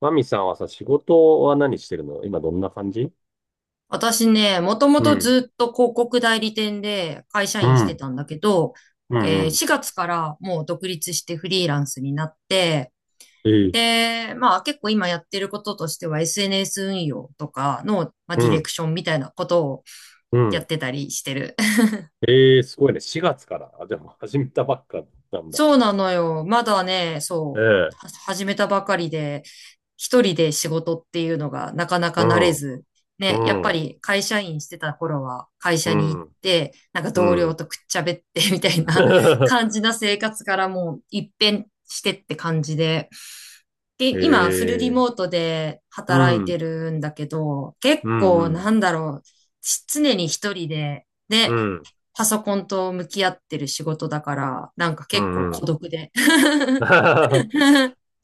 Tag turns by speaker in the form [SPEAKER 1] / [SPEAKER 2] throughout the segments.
[SPEAKER 1] マミさんはさ、仕事は何してるの今どんな感じ？
[SPEAKER 2] 私ね、もとも
[SPEAKER 1] う
[SPEAKER 2] と
[SPEAKER 1] ん。
[SPEAKER 2] ずっと広告代理店で会社
[SPEAKER 1] う
[SPEAKER 2] 員して
[SPEAKER 1] ん。
[SPEAKER 2] たんだけど、
[SPEAKER 1] うん。うん。
[SPEAKER 2] 4月からもう独立してフリーランスになって、
[SPEAKER 1] ええ。
[SPEAKER 2] で、まあ結構今やってることとしては SNS 運用とかの、まあ、
[SPEAKER 1] う
[SPEAKER 2] ディレ
[SPEAKER 1] ん。
[SPEAKER 2] クションみたいなことを
[SPEAKER 1] う
[SPEAKER 2] や
[SPEAKER 1] ん。
[SPEAKER 2] ってたりしてる。
[SPEAKER 1] ええ、すごいね。4月から。あ、でも始めたばっかなんだ。
[SPEAKER 2] そうなのよ。まだね、
[SPEAKER 1] え
[SPEAKER 2] そう、
[SPEAKER 1] え。
[SPEAKER 2] は始めたばかりで、一人で仕事っていうのがなかなか
[SPEAKER 1] う
[SPEAKER 2] 慣れ
[SPEAKER 1] ん。
[SPEAKER 2] ず、
[SPEAKER 1] う
[SPEAKER 2] ね、やっぱ
[SPEAKER 1] ん。
[SPEAKER 2] り会社員してた頃は会
[SPEAKER 1] う
[SPEAKER 2] 社に行っ
[SPEAKER 1] ん。
[SPEAKER 2] て、なんか
[SPEAKER 1] う
[SPEAKER 2] 同僚
[SPEAKER 1] ん。
[SPEAKER 2] とくっちゃべって みたいな 感じな生活からもう一変してって感じで。
[SPEAKER 1] え
[SPEAKER 2] で、今フルリ
[SPEAKER 1] え。
[SPEAKER 2] モートで
[SPEAKER 1] う
[SPEAKER 2] 働いて
[SPEAKER 1] ん。
[SPEAKER 2] るんだけど、結
[SPEAKER 1] うん。う
[SPEAKER 2] 構
[SPEAKER 1] ん。
[SPEAKER 2] なんだろう、し常に一人で、
[SPEAKER 1] う
[SPEAKER 2] ね
[SPEAKER 1] ん。
[SPEAKER 2] パソコンと向き合ってる仕事だから、なんか
[SPEAKER 1] う
[SPEAKER 2] 結構
[SPEAKER 1] ん。う
[SPEAKER 2] 孤
[SPEAKER 1] ん。
[SPEAKER 2] 独で。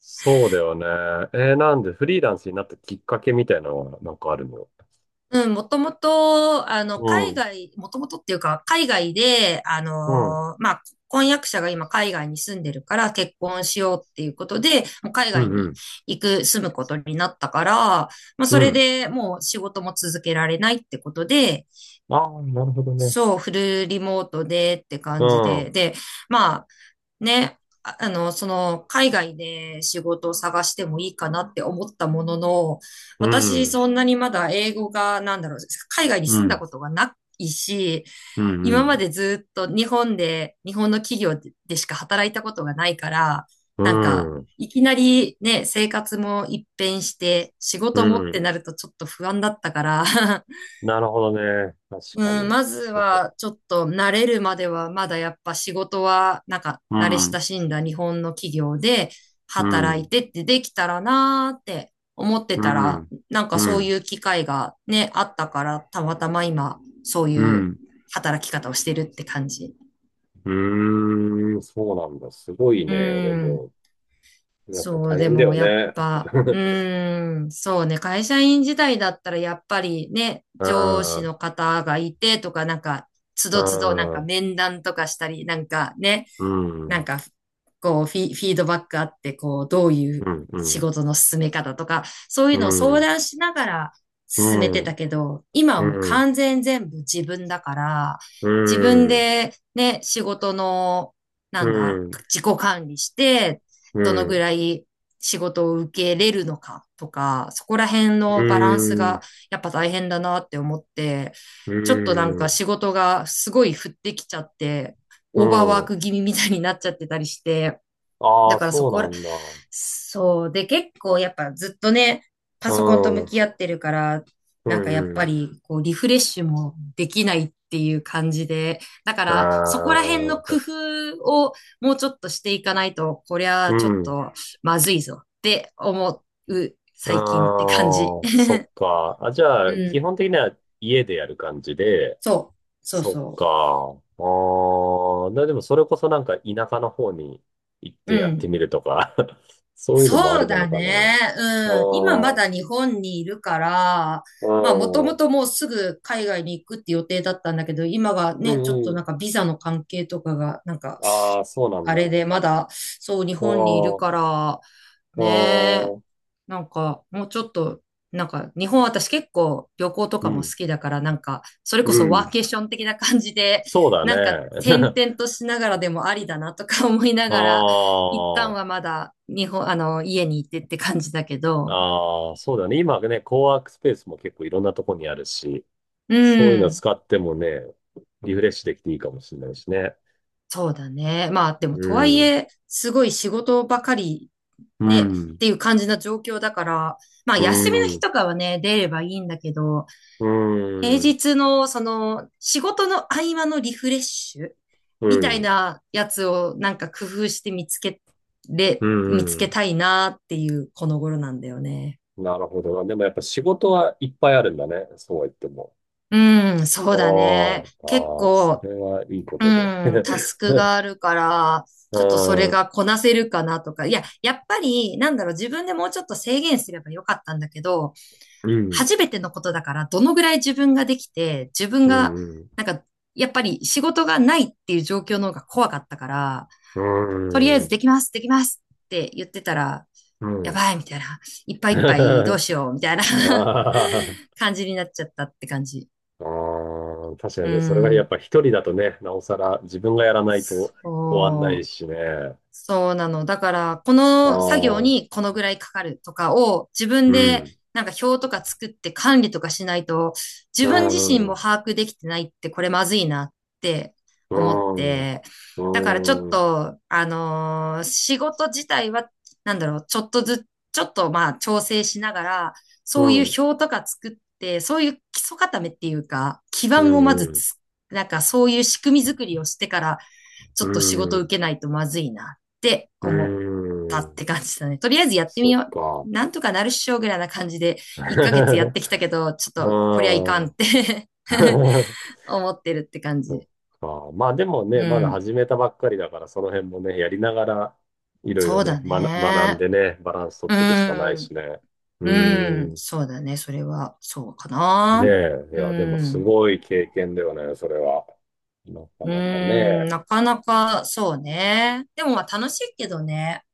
[SPEAKER 1] そうだよね。なんでフリーランスになったきっかけみたいなのはなんかあるの？
[SPEAKER 2] うん、もともと、
[SPEAKER 1] う
[SPEAKER 2] 海
[SPEAKER 1] ん。
[SPEAKER 2] 外、もともとっていうか、海外で、
[SPEAKER 1] うん。
[SPEAKER 2] まあ、婚約者が今海外に住んでるから結婚しようっていうことで、もう海
[SPEAKER 1] う
[SPEAKER 2] 外
[SPEAKER 1] ん。う
[SPEAKER 2] に
[SPEAKER 1] ん。
[SPEAKER 2] 行く、住むことになったから、まあ、
[SPEAKER 1] う
[SPEAKER 2] それ
[SPEAKER 1] ん。
[SPEAKER 2] でもう仕事も続けられないってことで、
[SPEAKER 1] ああ、なるほどね。
[SPEAKER 2] そう、フルリモートでって
[SPEAKER 1] う
[SPEAKER 2] 感じ
[SPEAKER 1] ん、う
[SPEAKER 2] で、で、まあ、ね、海外で仕事を探してもいいかなって思ったものの、私、
[SPEAKER 1] ん、
[SPEAKER 2] そんなにまだ英語が、なんだろう、海外に
[SPEAKER 1] うん、
[SPEAKER 2] 住
[SPEAKER 1] う
[SPEAKER 2] んだ
[SPEAKER 1] ん、
[SPEAKER 2] ことがないし、
[SPEAKER 1] う
[SPEAKER 2] 今ま
[SPEAKER 1] ん、
[SPEAKER 2] でずっと日本で、日本の企業でしか働いたことがないから、
[SPEAKER 1] う
[SPEAKER 2] なんか、
[SPEAKER 1] ん、
[SPEAKER 2] いきなりね、生活も一変して、仕
[SPEAKER 1] う
[SPEAKER 2] 事もって
[SPEAKER 1] ん。
[SPEAKER 2] なるとちょっと不安だったから
[SPEAKER 1] なるほどね。確
[SPEAKER 2] う
[SPEAKER 1] か
[SPEAKER 2] ん、
[SPEAKER 1] に。
[SPEAKER 2] まず
[SPEAKER 1] そうか。
[SPEAKER 2] はちょっと慣れるまではまだやっぱ仕事はなんか
[SPEAKER 1] う
[SPEAKER 2] 慣れ親
[SPEAKER 1] ん、
[SPEAKER 2] しんだ日本の企業で
[SPEAKER 1] う
[SPEAKER 2] 働い
[SPEAKER 1] ん、
[SPEAKER 2] てってできたらなーって思って
[SPEAKER 1] う
[SPEAKER 2] たら
[SPEAKER 1] ん、
[SPEAKER 2] なんか
[SPEAKER 1] う
[SPEAKER 2] そう
[SPEAKER 1] ん、
[SPEAKER 2] いう機会がね、あったからたまたま今そう
[SPEAKER 1] う
[SPEAKER 2] いう
[SPEAKER 1] ん。
[SPEAKER 2] 働き方をしてるって感じ。
[SPEAKER 1] うーん、そうなんだ。すごい
[SPEAKER 2] う
[SPEAKER 1] ね。で
[SPEAKER 2] ん。
[SPEAKER 1] も、やっぱ
[SPEAKER 2] そう、
[SPEAKER 1] 大
[SPEAKER 2] で
[SPEAKER 1] 変だ
[SPEAKER 2] も
[SPEAKER 1] よ
[SPEAKER 2] やっ
[SPEAKER 1] ね。
[SPEAKER 2] ぱ、う ーん、そうね、会社員時代だったらやっぱりね、
[SPEAKER 1] う
[SPEAKER 2] 上
[SPEAKER 1] ん、う
[SPEAKER 2] 司
[SPEAKER 1] ん、
[SPEAKER 2] の方がいてとか、なんか、つ
[SPEAKER 1] う
[SPEAKER 2] どつどなんか
[SPEAKER 1] ん、
[SPEAKER 2] 面談とかしたり、なんかね、
[SPEAKER 1] う
[SPEAKER 2] なん
[SPEAKER 1] ん、
[SPEAKER 2] か、こうフィードバックあって、こう、どういう
[SPEAKER 1] う
[SPEAKER 2] 仕
[SPEAKER 1] ん、
[SPEAKER 2] 事の進め方とか、そういう
[SPEAKER 1] う
[SPEAKER 2] のを相
[SPEAKER 1] ん、
[SPEAKER 2] 談しながら
[SPEAKER 1] う
[SPEAKER 2] 進めてた
[SPEAKER 1] ん、
[SPEAKER 2] けど、今はもう
[SPEAKER 1] うん、
[SPEAKER 2] 完全全部自分だから、
[SPEAKER 1] う
[SPEAKER 2] 自分
[SPEAKER 1] ん、
[SPEAKER 2] でね、仕事の、な
[SPEAKER 1] う
[SPEAKER 2] んだ、
[SPEAKER 1] ん、うん、
[SPEAKER 2] 自己管理して、
[SPEAKER 1] う
[SPEAKER 2] どの
[SPEAKER 1] ん、
[SPEAKER 2] ぐ
[SPEAKER 1] う
[SPEAKER 2] らい仕事を受けれるのかとか、そこら辺のバランスがやっぱ大変だなって思って、ちょっとなんか
[SPEAKER 1] ん、
[SPEAKER 2] 仕事がすごい降ってきちゃって、
[SPEAKER 1] う
[SPEAKER 2] オーバーワー
[SPEAKER 1] ん。
[SPEAKER 2] ク気味みたいになっちゃってたりして、
[SPEAKER 1] あ
[SPEAKER 2] だ
[SPEAKER 1] あ、
[SPEAKER 2] からそ
[SPEAKER 1] そう
[SPEAKER 2] こ
[SPEAKER 1] なんだ。
[SPEAKER 2] そう。で、結構やっぱずっとね、パ
[SPEAKER 1] う
[SPEAKER 2] ソコンと向
[SPEAKER 1] ん。
[SPEAKER 2] き合ってるから、
[SPEAKER 1] う
[SPEAKER 2] なんかやっ
[SPEAKER 1] んう
[SPEAKER 2] ぱ
[SPEAKER 1] ん。
[SPEAKER 2] りこうリフレッシュもできないっていう感じで、だか
[SPEAKER 1] あ
[SPEAKER 2] らそこら辺の
[SPEAKER 1] あ、そう。
[SPEAKER 2] 工夫をもうちょっとしていかないと、こり
[SPEAKER 1] う
[SPEAKER 2] ゃちょっ
[SPEAKER 1] ん。
[SPEAKER 2] とまずいぞって思う
[SPEAKER 1] あ
[SPEAKER 2] 最近って感じ。
[SPEAKER 1] あ、そ っか。あ、じゃ
[SPEAKER 2] う
[SPEAKER 1] あ、基
[SPEAKER 2] ん。
[SPEAKER 1] 本的には家でやる感じで、
[SPEAKER 2] そう。そう
[SPEAKER 1] そっ
[SPEAKER 2] そ
[SPEAKER 1] か。ああ、な、でもそれこそなんか田舎の方に行っ
[SPEAKER 2] う。
[SPEAKER 1] て
[SPEAKER 2] う
[SPEAKER 1] やって
[SPEAKER 2] ん。
[SPEAKER 1] みるとか。 そういうのもあ
[SPEAKER 2] そう
[SPEAKER 1] りな
[SPEAKER 2] だ
[SPEAKER 1] のかね。
[SPEAKER 2] ね。
[SPEAKER 1] あ
[SPEAKER 2] うん。今ま
[SPEAKER 1] あ、
[SPEAKER 2] だ日本にいるから、
[SPEAKER 1] う
[SPEAKER 2] まあもとも
[SPEAKER 1] ん。
[SPEAKER 2] ともうすぐ海外に行くって予定だったんだけど、今が
[SPEAKER 1] う
[SPEAKER 2] ね、ちょっ
[SPEAKER 1] ん
[SPEAKER 2] と
[SPEAKER 1] う
[SPEAKER 2] なん
[SPEAKER 1] ん。
[SPEAKER 2] かビザの関係とかが、なんか、
[SPEAKER 1] ああ、そうなん
[SPEAKER 2] あ
[SPEAKER 1] だ。
[SPEAKER 2] れ
[SPEAKER 1] あ
[SPEAKER 2] でまだ、そう日
[SPEAKER 1] あ、
[SPEAKER 2] 本にいるか
[SPEAKER 1] あ
[SPEAKER 2] ら、ねえ、
[SPEAKER 1] あ、
[SPEAKER 2] なんかもうちょっと、なんか日本私結構旅行と
[SPEAKER 1] う
[SPEAKER 2] かも好
[SPEAKER 1] ん。
[SPEAKER 2] きだから、なんか、それ
[SPEAKER 1] う
[SPEAKER 2] こそワ
[SPEAKER 1] ん。
[SPEAKER 2] ーケーション的な感じで、
[SPEAKER 1] そうだ
[SPEAKER 2] なんか転
[SPEAKER 1] ね。
[SPEAKER 2] 々としながらでもありだなとか思いな
[SPEAKER 1] あ
[SPEAKER 2] がら、一旦は
[SPEAKER 1] あ、
[SPEAKER 2] まだ日本、家にいてって感じだけど、
[SPEAKER 1] ああ、そうだね。今ね、コワークスペースも結構いろんなとこにあるし、
[SPEAKER 2] う
[SPEAKER 1] そういうの
[SPEAKER 2] ん、
[SPEAKER 1] 使ってもね、リフレッシュできていいかもしれないしね。
[SPEAKER 2] そうだね。まあで
[SPEAKER 1] う
[SPEAKER 2] もとはい
[SPEAKER 1] ん、
[SPEAKER 2] え、すごい仕事ばかり
[SPEAKER 1] う
[SPEAKER 2] ね、っ
[SPEAKER 1] ん、
[SPEAKER 2] ていう感じな状況だから、まあ
[SPEAKER 1] う
[SPEAKER 2] 休みの
[SPEAKER 1] ん、う
[SPEAKER 2] 日
[SPEAKER 1] ん、
[SPEAKER 2] とかはね、出ればいいんだけど、
[SPEAKER 1] う
[SPEAKER 2] 平
[SPEAKER 1] ん、
[SPEAKER 2] 日のその仕事の合間のリフレッシュみたいなやつをなんか工夫して
[SPEAKER 1] う
[SPEAKER 2] 見
[SPEAKER 1] ん、
[SPEAKER 2] つ
[SPEAKER 1] う
[SPEAKER 2] け
[SPEAKER 1] ん。
[SPEAKER 2] たいなっていうこの頃なんだよね。
[SPEAKER 1] なるほどな。でもやっぱ仕事はいっぱいあるんだね。そうは言っても。
[SPEAKER 2] うん、そ
[SPEAKER 1] あ
[SPEAKER 2] うだね。
[SPEAKER 1] あ、
[SPEAKER 2] 結
[SPEAKER 1] ああ、そ
[SPEAKER 2] 構
[SPEAKER 1] れはいいこ
[SPEAKER 2] う
[SPEAKER 1] とで。
[SPEAKER 2] ん、タスクがあ るから、
[SPEAKER 1] う
[SPEAKER 2] ちょっとそれ
[SPEAKER 1] ん、う
[SPEAKER 2] がこなせるかなとか。いや、やっぱり、なんだろう、自分でもうちょっと制限すればよかったんだけど、
[SPEAKER 1] ん、
[SPEAKER 2] 初めてのことだから、どのぐらい自分ができて、自分
[SPEAKER 1] う
[SPEAKER 2] が、
[SPEAKER 1] ん、うん、
[SPEAKER 2] なんか、やっぱり仕事がないっていう状況の方が怖かったから、
[SPEAKER 1] う
[SPEAKER 2] とりあえず
[SPEAKER 1] ん。
[SPEAKER 2] できます、できますって言ってたら、
[SPEAKER 1] う
[SPEAKER 2] や
[SPEAKER 1] ん。
[SPEAKER 2] ばい、みたいな。いっぱいいっぱいどうしよう、みたいな
[SPEAKER 1] ああ、
[SPEAKER 2] 感じになっちゃったって感じ。
[SPEAKER 1] ああ、確か
[SPEAKER 2] う
[SPEAKER 1] にね、それがやっ
[SPEAKER 2] ん。
[SPEAKER 1] ぱ一人だとね、なおさら自分がやらないと終わんない
[SPEAKER 2] そう。
[SPEAKER 1] しね。
[SPEAKER 2] そうなの。だから、こ
[SPEAKER 1] あ
[SPEAKER 2] の作業
[SPEAKER 1] あ、
[SPEAKER 2] にこのぐらいかかるとかを自分
[SPEAKER 1] う
[SPEAKER 2] で
[SPEAKER 1] ん、
[SPEAKER 2] なんか表とか作って管理とかしないと、
[SPEAKER 1] う
[SPEAKER 2] 自分自身
[SPEAKER 1] ん、うん、う
[SPEAKER 2] も把握できてないってこれまずいなって思っ
[SPEAKER 1] ん、
[SPEAKER 2] て。だからちょっ
[SPEAKER 1] うん、
[SPEAKER 2] と、仕事自体は、なんだろう、ちょっとずつ、ちょっとまあ調整しながら、
[SPEAKER 1] う
[SPEAKER 2] そういう
[SPEAKER 1] ん、
[SPEAKER 2] 表とか作って、そういう基礎固めっていうか、基
[SPEAKER 1] う
[SPEAKER 2] 盤をま
[SPEAKER 1] ん、う
[SPEAKER 2] ず
[SPEAKER 1] ん、
[SPEAKER 2] つ、なんかそういう仕組み作りをしてから、ちょっと仕事受けないとまずいなって
[SPEAKER 1] う
[SPEAKER 2] 思った
[SPEAKER 1] ん、う
[SPEAKER 2] っ
[SPEAKER 1] ん。
[SPEAKER 2] て感じだね。とりあえずやってみ
[SPEAKER 1] そっ
[SPEAKER 2] よう。
[SPEAKER 1] か。
[SPEAKER 2] なんとかなるっしょぐらいな感じで、1ヶ月やってきたけど、ちょ
[SPEAKER 1] うん。
[SPEAKER 2] っとこりゃいかんっ
[SPEAKER 1] そ
[SPEAKER 2] て 思ってるって感
[SPEAKER 1] っ
[SPEAKER 2] じ。
[SPEAKER 1] か。まあでもね、
[SPEAKER 2] う
[SPEAKER 1] まだ
[SPEAKER 2] ん。
[SPEAKER 1] 始めたばっかりだから、その辺もね、やりながら、いろいろ
[SPEAKER 2] そう
[SPEAKER 1] ね、
[SPEAKER 2] だ
[SPEAKER 1] 学ん
[SPEAKER 2] ね。
[SPEAKER 1] でね、バランス取っ
[SPEAKER 2] う
[SPEAKER 1] ていくしかない
[SPEAKER 2] ん。
[SPEAKER 1] しね。う
[SPEAKER 2] うん。
[SPEAKER 1] ん。
[SPEAKER 2] そうだね。それは、そうか
[SPEAKER 1] ね
[SPEAKER 2] な。
[SPEAKER 1] え。い
[SPEAKER 2] う
[SPEAKER 1] や、でもす
[SPEAKER 2] ん。
[SPEAKER 1] ごい経験だよね、それは。なか
[SPEAKER 2] う
[SPEAKER 1] なか
[SPEAKER 2] ん。
[SPEAKER 1] ね。
[SPEAKER 2] なかなか、そうね。でもまあ楽しいけどね。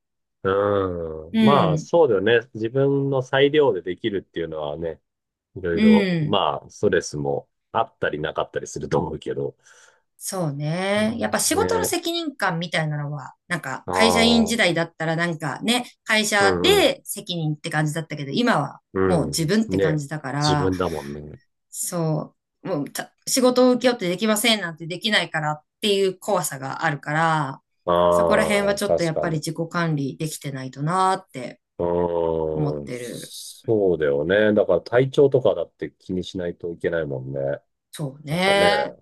[SPEAKER 1] うん。
[SPEAKER 2] う
[SPEAKER 1] まあ、
[SPEAKER 2] ん。
[SPEAKER 1] そうだよね。自分の裁量でできるっていうのはね、いろい
[SPEAKER 2] う
[SPEAKER 1] ろ、
[SPEAKER 2] ん。
[SPEAKER 1] まあ、ストレスもあったりなかったりすると思うけど。
[SPEAKER 2] そう
[SPEAKER 1] うん
[SPEAKER 2] ね。やっぱ仕
[SPEAKER 1] ね
[SPEAKER 2] 事の
[SPEAKER 1] え。
[SPEAKER 2] 責任感みたいなのは、なんか
[SPEAKER 1] あ
[SPEAKER 2] 会社員
[SPEAKER 1] あ、
[SPEAKER 2] 時代だったらなんかね、会
[SPEAKER 1] う
[SPEAKER 2] 社
[SPEAKER 1] んうん。
[SPEAKER 2] で責任って感じだったけど、今は
[SPEAKER 1] う
[SPEAKER 2] もう自
[SPEAKER 1] ん。
[SPEAKER 2] 分って
[SPEAKER 1] ね
[SPEAKER 2] 感
[SPEAKER 1] え。
[SPEAKER 2] じだか
[SPEAKER 1] 自
[SPEAKER 2] ら、
[SPEAKER 1] 分だもんね。
[SPEAKER 2] そう、もうた仕事を請け負ってできませんなんてできないからっていう怖さがあるから、そこら辺は
[SPEAKER 1] ああ、
[SPEAKER 2] ちょっと
[SPEAKER 1] 確
[SPEAKER 2] やっ
[SPEAKER 1] か
[SPEAKER 2] ぱり
[SPEAKER 1] に。
[SPEAKER 2] 自己管理できてないとなーって
[SPEAKER 1] う
[SPEAKER 2] 思っ
[SPEAKER 1] ーん。
[SPEAKER 2] てる。
[SPEAKER 1] そうだよね。だから体調とかだって気にしないといけないもんね。
[SPEAKER 2] そう
[SPEAKER 1] なんかね。
[SPEAKER 2] ね。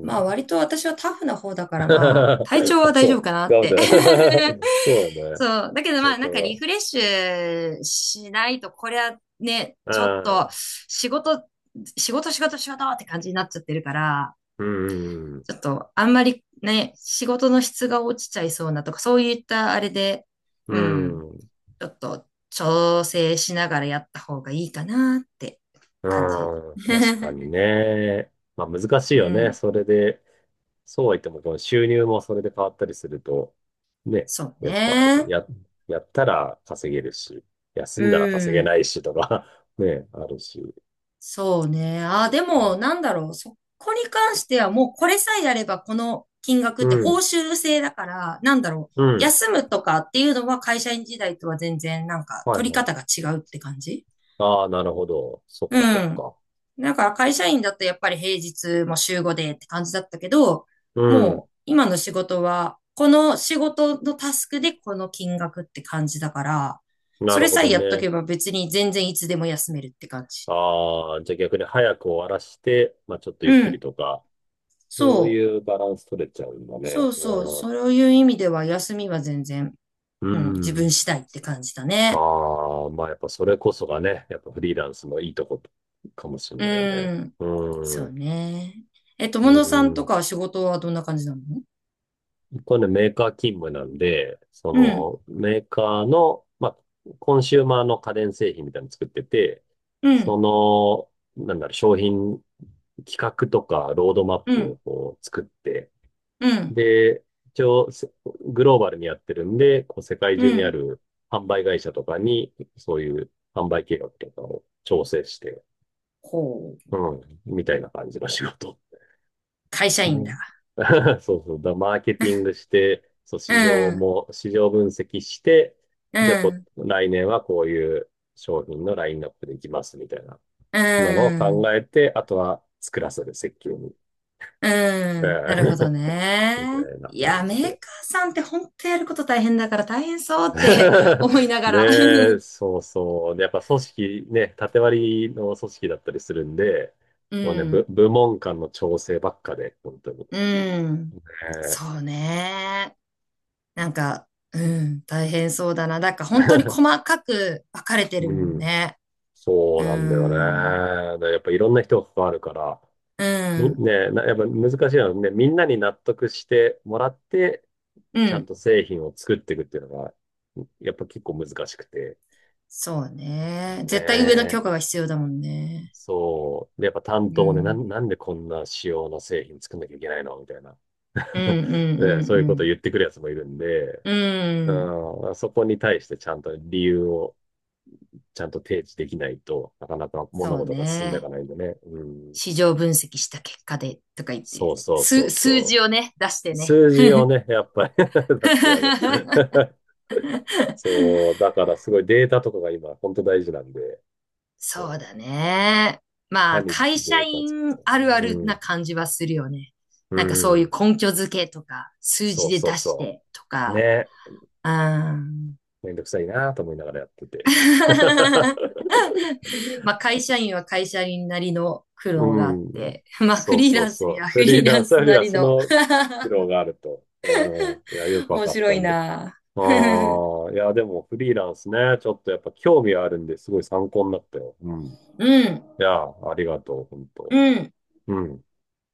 [SPEAKER 2] まあ割と私はタフな方だからまあ体調 は
[SPEAKER 1] あ、
[SPEAKER 2] 大
[SPEAKER 1] そ
[SPEAKER 2] 丈夫
[SPEAKER 1] う。
[SPEAKER 2] かなっ
[SPEAKER 1] ガムち
[SPEAKER 2] て
[SPEAKER 1] ゃん。そう だね。
[SPEAKER 2] そう。だけど
[SPEAKER 1] そ
[SPEAKER 2] ま
[SPEAKER 1] う
[SPEAKER 2] あなんかリフレッシュしないとこれはね、
[SPEAKER 1] か。
[SPEAKER 2] ちょっ
[SPEAKER 1] あ
[SPEAKER 2] と
[SPEAKER 1] あ、
[SPEAKER 2] 仕事、仕事仕事仕事って感じになっちゃってるから、
[SPEAKER 1] うん。
[SPEAKER 2] ちょっとあんまりね、仕事の質が落ちちゃいそうなとかそういったあれで、
[SPEAKER 1] う
[SPEAKER 2] うん、
[SPEAKER 1] ん。
[SPEAKER 2] ちょっと調整しながらやった方がいいかなって
[SPEAKER 1] う
[SPEAKER 2] 感じ。
[SPEAKER 1] ん。確か にね。まあ難しい
[SPEAKER 2] う
[SPEAKER 1] よね。
[SPEAKER 2] ん、
[SPEAKER 1] それで、そうは言っても、この収入もそれで変わったりすると、ね。
[SPEAKER 2] そう
[SPEAKER 1] やっぱ、
[SPEAKER 2] ね。
[SPEAKER 1] や、やったら稼げるし、休
[SPEAKER 2] う
[SPEAKER 1] んだら稼げ
[SPEAKER 2] ん。
[SPEAKER 1] ないしとか。 ね、あるし。
[SPEAKER 2] そうね。ああ、でも、なんだろう。そこに関してはもうこれさえやればこの金額
[SPEAKER 1] う
[SPEAKER 2] って報
[SPEAKER 1] ん。
[SPEAKER 2] 酬制だから、なんだろう。
[SPEAKER 1] うん。
[SPEAKER 2] 休むとかっていうのは会社員時代とは全然なんか
[SPEAKER 1] はい
[SPEAKER 2] 取り
[SPEAKER 1] はい。
[SPEAKER 2] 方が違うって感じ
[SPEAKER 1] ああ、なるほど。そっ
[SPEAKER 2] う
[SPEAKER 1] かそっ
[SPEAKER 2] ん。
[SPEAKER 1] か。
[SPEAKER 2] だから会社員だとやっぱり平日も週5でって感じだったけど、
[SPEAKER 1] うん。
[SPEAKER 2] もう今の仕事はこの仕事のタスクでこの金額って感じだから、
[SPEAKER 1] な
[SPEAKER 2] そ
[SPEAKER 1] る
[SPEAKER 2] れ
[SPEAKER 1] ほ
[SPEAKER 2] さえ
[SPEAKER 1] ど
[SPEAKER 2] やっと
[SPEAKER 1] ね。
[SPEAKER 2] けば別に全然いつでも休めるって感じ。
[SPEAKER 1] ああ、じゃあ逆に早く終わらして、まあちょっとゆっ
[SPEAKER 2] う
[SPEAKER 1] くり
[SPEAKER 2] ん。
[SPEAKER 1] とか、そ
[SPEAKER 2] そ
[SPEAKER 1] う
[SPEAKER 2] う。
[SPEAKER 1] いうバランス取れちゃうんだ
[SPEAKER 2] そ
[SPEAKER 1] ね。
[SPEAKER 2] うそう、
[SPEAKER 1] うん。
[SPEAKER 2] そういう意味では休みは全然、
[SPEAKER 1] う
[SPEAKER 2] うん、自分
[SPEAKER 1] ん。
[SPEAKER 2] 次第って感じだね。
[SPEAKER 1] ああ、まあやっぱそれこそがね、やっぱフリーランスのいいとこかもしれ
[SPEAKER 2] う
[SPEAKER 1] ないよね。
[SPEAKER 2] ん、そ
[SPEAKER 1] う
[SPEAKER 2] う
[SPEAKER 1] ん。
[SPEAKER 2] ね。え、
[SPEAKER 1] う
[SPEAKER 2] 友野さんと
[SPEAKER 1] ん。
[SPEAKER 2] かは仕事はどんな感じなの？
[SPEAKER 1] これね、メーカー勤務なんで、そ
[SPEAKER 2] うん、
[SPEAKER 1] のメーカーの、まあ、コンシューマーの家電製品みたいなの作ってて、
[SPEAKER 2] う
[SPEAKER 1] そ
[SPEAKER 2] ん、
[SPEAKER 1] なんだろう、商品企画とかロードマッ
[SPEAKER 2] う
[SPEAKER 1] プを
[SPEAKER 2] ん、
[SPEAKER 1] こう作って、
[SPEAKER 2] うん、
[SPEAKER 1] で、一応せ、グローバルにやってるんで、こう世界
[SPEAKER 2] う
[SPEAKER 1] 中にあ
[SPEAKER 2] ん。
[SPEAKER 1] る販売会社とかに、そういう販売計画とかを調整して、
[SPEAKER 2] ほう、
[SPEAKER 1] うん、みたいな感じの仕事。
[SPEAKER 2] 会社員
[SPEAKER 1] ね。
[SPEAKER 2] だ。
[SPEAKER 1] そうそう。だ、マーケティングして、そう、
[SPEAKER 2] うん、
[SPEAKER 1] 市場分析して、
[SPEAKER 2] う
[SPEAKER 1] じゃあこ、
[SPEAKER 2] ん、
[SPEAKER 1] 来年はこういう商品のラインナップでいきますみたいな、
[SPEAKER 2] う
[SPEAKER 1] なのを
[SPEAKER 2] ん、
[SPEAKER 1] 考えて、あとは作らせる、設計に。
[SPEAKER 2] う
[SPEAKER 1] う
[SPEAKER 2] ん。なるほ
[SPEAKER 1] ん。
[SPEAKER 2] ど ね。
[SPEAKER 1] みたいな
[SPEAKER 2] い
[SPEAKER 1] 感
[SPEAKER 2] や、メ
[SPEAKER 1] じで。
[SPEAKER 2] ーカーさんって本当やること大変だから大変そうって 思いなが
[SPEAKER 1] ね
[SPEAKER 2] ら。
[SPEAKER 1] え、そうそう。で、やっぱ組織ね、縦割りの組織だったりするんで、
[SPEAKER 2] う
[SPEAKER 1] もうね、
[SPEAKER 2] ん、
[SPEAKER 1] 部門間の調整ばっかで、本当に。
[SPEAKER 2] うん。
[SPEAKER 1] ねえ。
[SPEAKER 2] そうね。なんか、うん、大変そうだな。だから本当に細 かく分かれてる
[SPEAKER 1] う
[SPEAKER 2] もん
[SPEAKER 1] ん。
[SPEAKER 2] ね。
[SPEAKER 1] そ
[SPEAKER 2] う
[SPEAKER 1] うなんだよ
[SPEAKER 2] ん、
[SPEAKER 1] ね。でやっぱいろんな人が関わるから、
[SPEAKER 2] う
[SPEAKER 1] み、
[SPEAKER 2] ん、
[SPEAKER 1] ねなやっぱ難しいのはね、みんなに納得してもらって、
[SPEAKER 2] う
[SPEAKER 1] ちゃん
[SPEAKER 2] ん。
[SPEAKER 1] と製品を作っていくっていうのが、やっぱ結構難しくて。
[SPEAKER 2] そうね。絶対上の
[SPEAKER 1] ね。
[SPEAKER 2] 許可が必要だもんね。
[SPEAKER 1] そう。で、やっぱ担
[SPEAKER 2] う
[SPEAKER 1] 当もね、
[SPEAKER 2] ん、
[SPEAKER 1] なんでこんな仕様の製品作んなきゃいけないのみたいな。
[SPEAKER 2] うん、う
[SPEAKER 1] ね、そういうことを
[SPEAKER 2] ん、う
[SPEAKER 1] 言ってくるやつもいるんで、
[SPEAKER 2] ん、うん。うん、
[SPEAKER 1] うん、そこに対してちゃんと提示できないとなかなか
[SPEAKER 2] そ
[SPEAKER 1] 物
[SPEAKER 2] う
[SPEAKER 1] 事が進んでいか
[SPEAKER 2] ね。
[SPEAKER 1] ないんでね。うん、
[SPEAKER 2] 市場分析した結果でとか言って、
[SPEAKER 1] そうそうそう
[SPEAKER 2] 数
[SPEAKER 1] そ
[SPEAKER 2] 字
[SPEAKER 1] う。
[SPEAKER 2] をね、出してね。
[SPEAKER 1] 数字をね、やっぱり 出してやる。そう、だからすごいデータとかが今本当大事なんで、
[SPEAKER 2] そう
[SPEAKER 1] そ
[SPEAKER 2] だ
[SPEAKER 1] う、
[SPEAKER 2] ね。
[SPEAKER 1] い
[SPEAKER 2] ま
[SPEAKER 1] か
[SPEAKER 2] あ、
[SPEAKER 1] に
[SPEAKER 2] 会社
[SPEAKER 1] データ作っ
[SPEAKER 2] 員
[SPEAKER 1] て、
[SPEAKER 2] あるある
[SPEAKER 1] う
[SPEAKER 2] な
[SPEAKER 1] ん、
[SPEAKER 2] 感じはするよね。
[SPEAKER 1] う
[SPEAKER 2] なんかそういう
[SPEAKER 1] ん、
[SPEAKER 2] 根拠付けとか、数
[SPEAKER 1] そ
[SPEAKER 2] 字
[SPEAKER 1] う
[SPEAKER 2] で
[SPEAKER 1] そう
[SPEAKER 2] 出し
[SPEAKER 1] そ
[SPEAKER 2] てと
[SPEAKER 1] う。
[SPEAKER 2] か、
[SPEAKER 1] ね、
[SPEAKER 2] うん。
[SPEAKER 1] めんどくさいなと思いながらやってて。
[SPEAKER 2] まあ、会社員は会社員なりの苦
[SPEAKER 1] う
[SPEAKER 2] 労があっ
[SPEAKER 1] ん。
[SPEAKER 2] て、まあ、フ
[SPEAKER 1] そう
[SPEAKER 2] リー
[SPEAKER 1] そう
[SPEAKER 2] ランス
[SPEAKER 1] そ
[SPEAKER 2] には
[SPEAKER 1] う。
[SPEAKER 2] フ
[SPEAKER 1] フリ
[SPEAKER 2] リ
[SPEAKER 1] ー
[SPEAKER 2] ー
[SPEAKER 1] ラ
[SPEAKER 2] ラ
[SPEAKER 1] ン
[SPEAKER 2] ン
[SPEAKER 1] スよ
[SPEAKER 2] ス
[SPEAKER 1] り
[SPEAKER 2] な
[SPEAKER 1] は
[SPEAKER 2] り
[SPEAKER 1] そ
[SPEAKER 2] の
[SPEAKER 1] の苦労があると。うん。いや、よ くわ
[SPEAKER 2] 面
[SPEAKER 1] かっ
[SPEAKER 2] 白
[SPEAKER 1] た
[SPEAKER 2] い
[SPEAKER 1] んで。
[SPEAKER 2] な。う
[SPEAKER 1] ああ、いや、でもフリーランスね、ちょっとやっぱ興味はあるんですごい参考になったよ。うん。
[SPEAKER 2] ん、
[SPEAKER 1] いや、ありがとう、本当。
[SPEAKER 2] うん。
[SPEAKER 1] うん。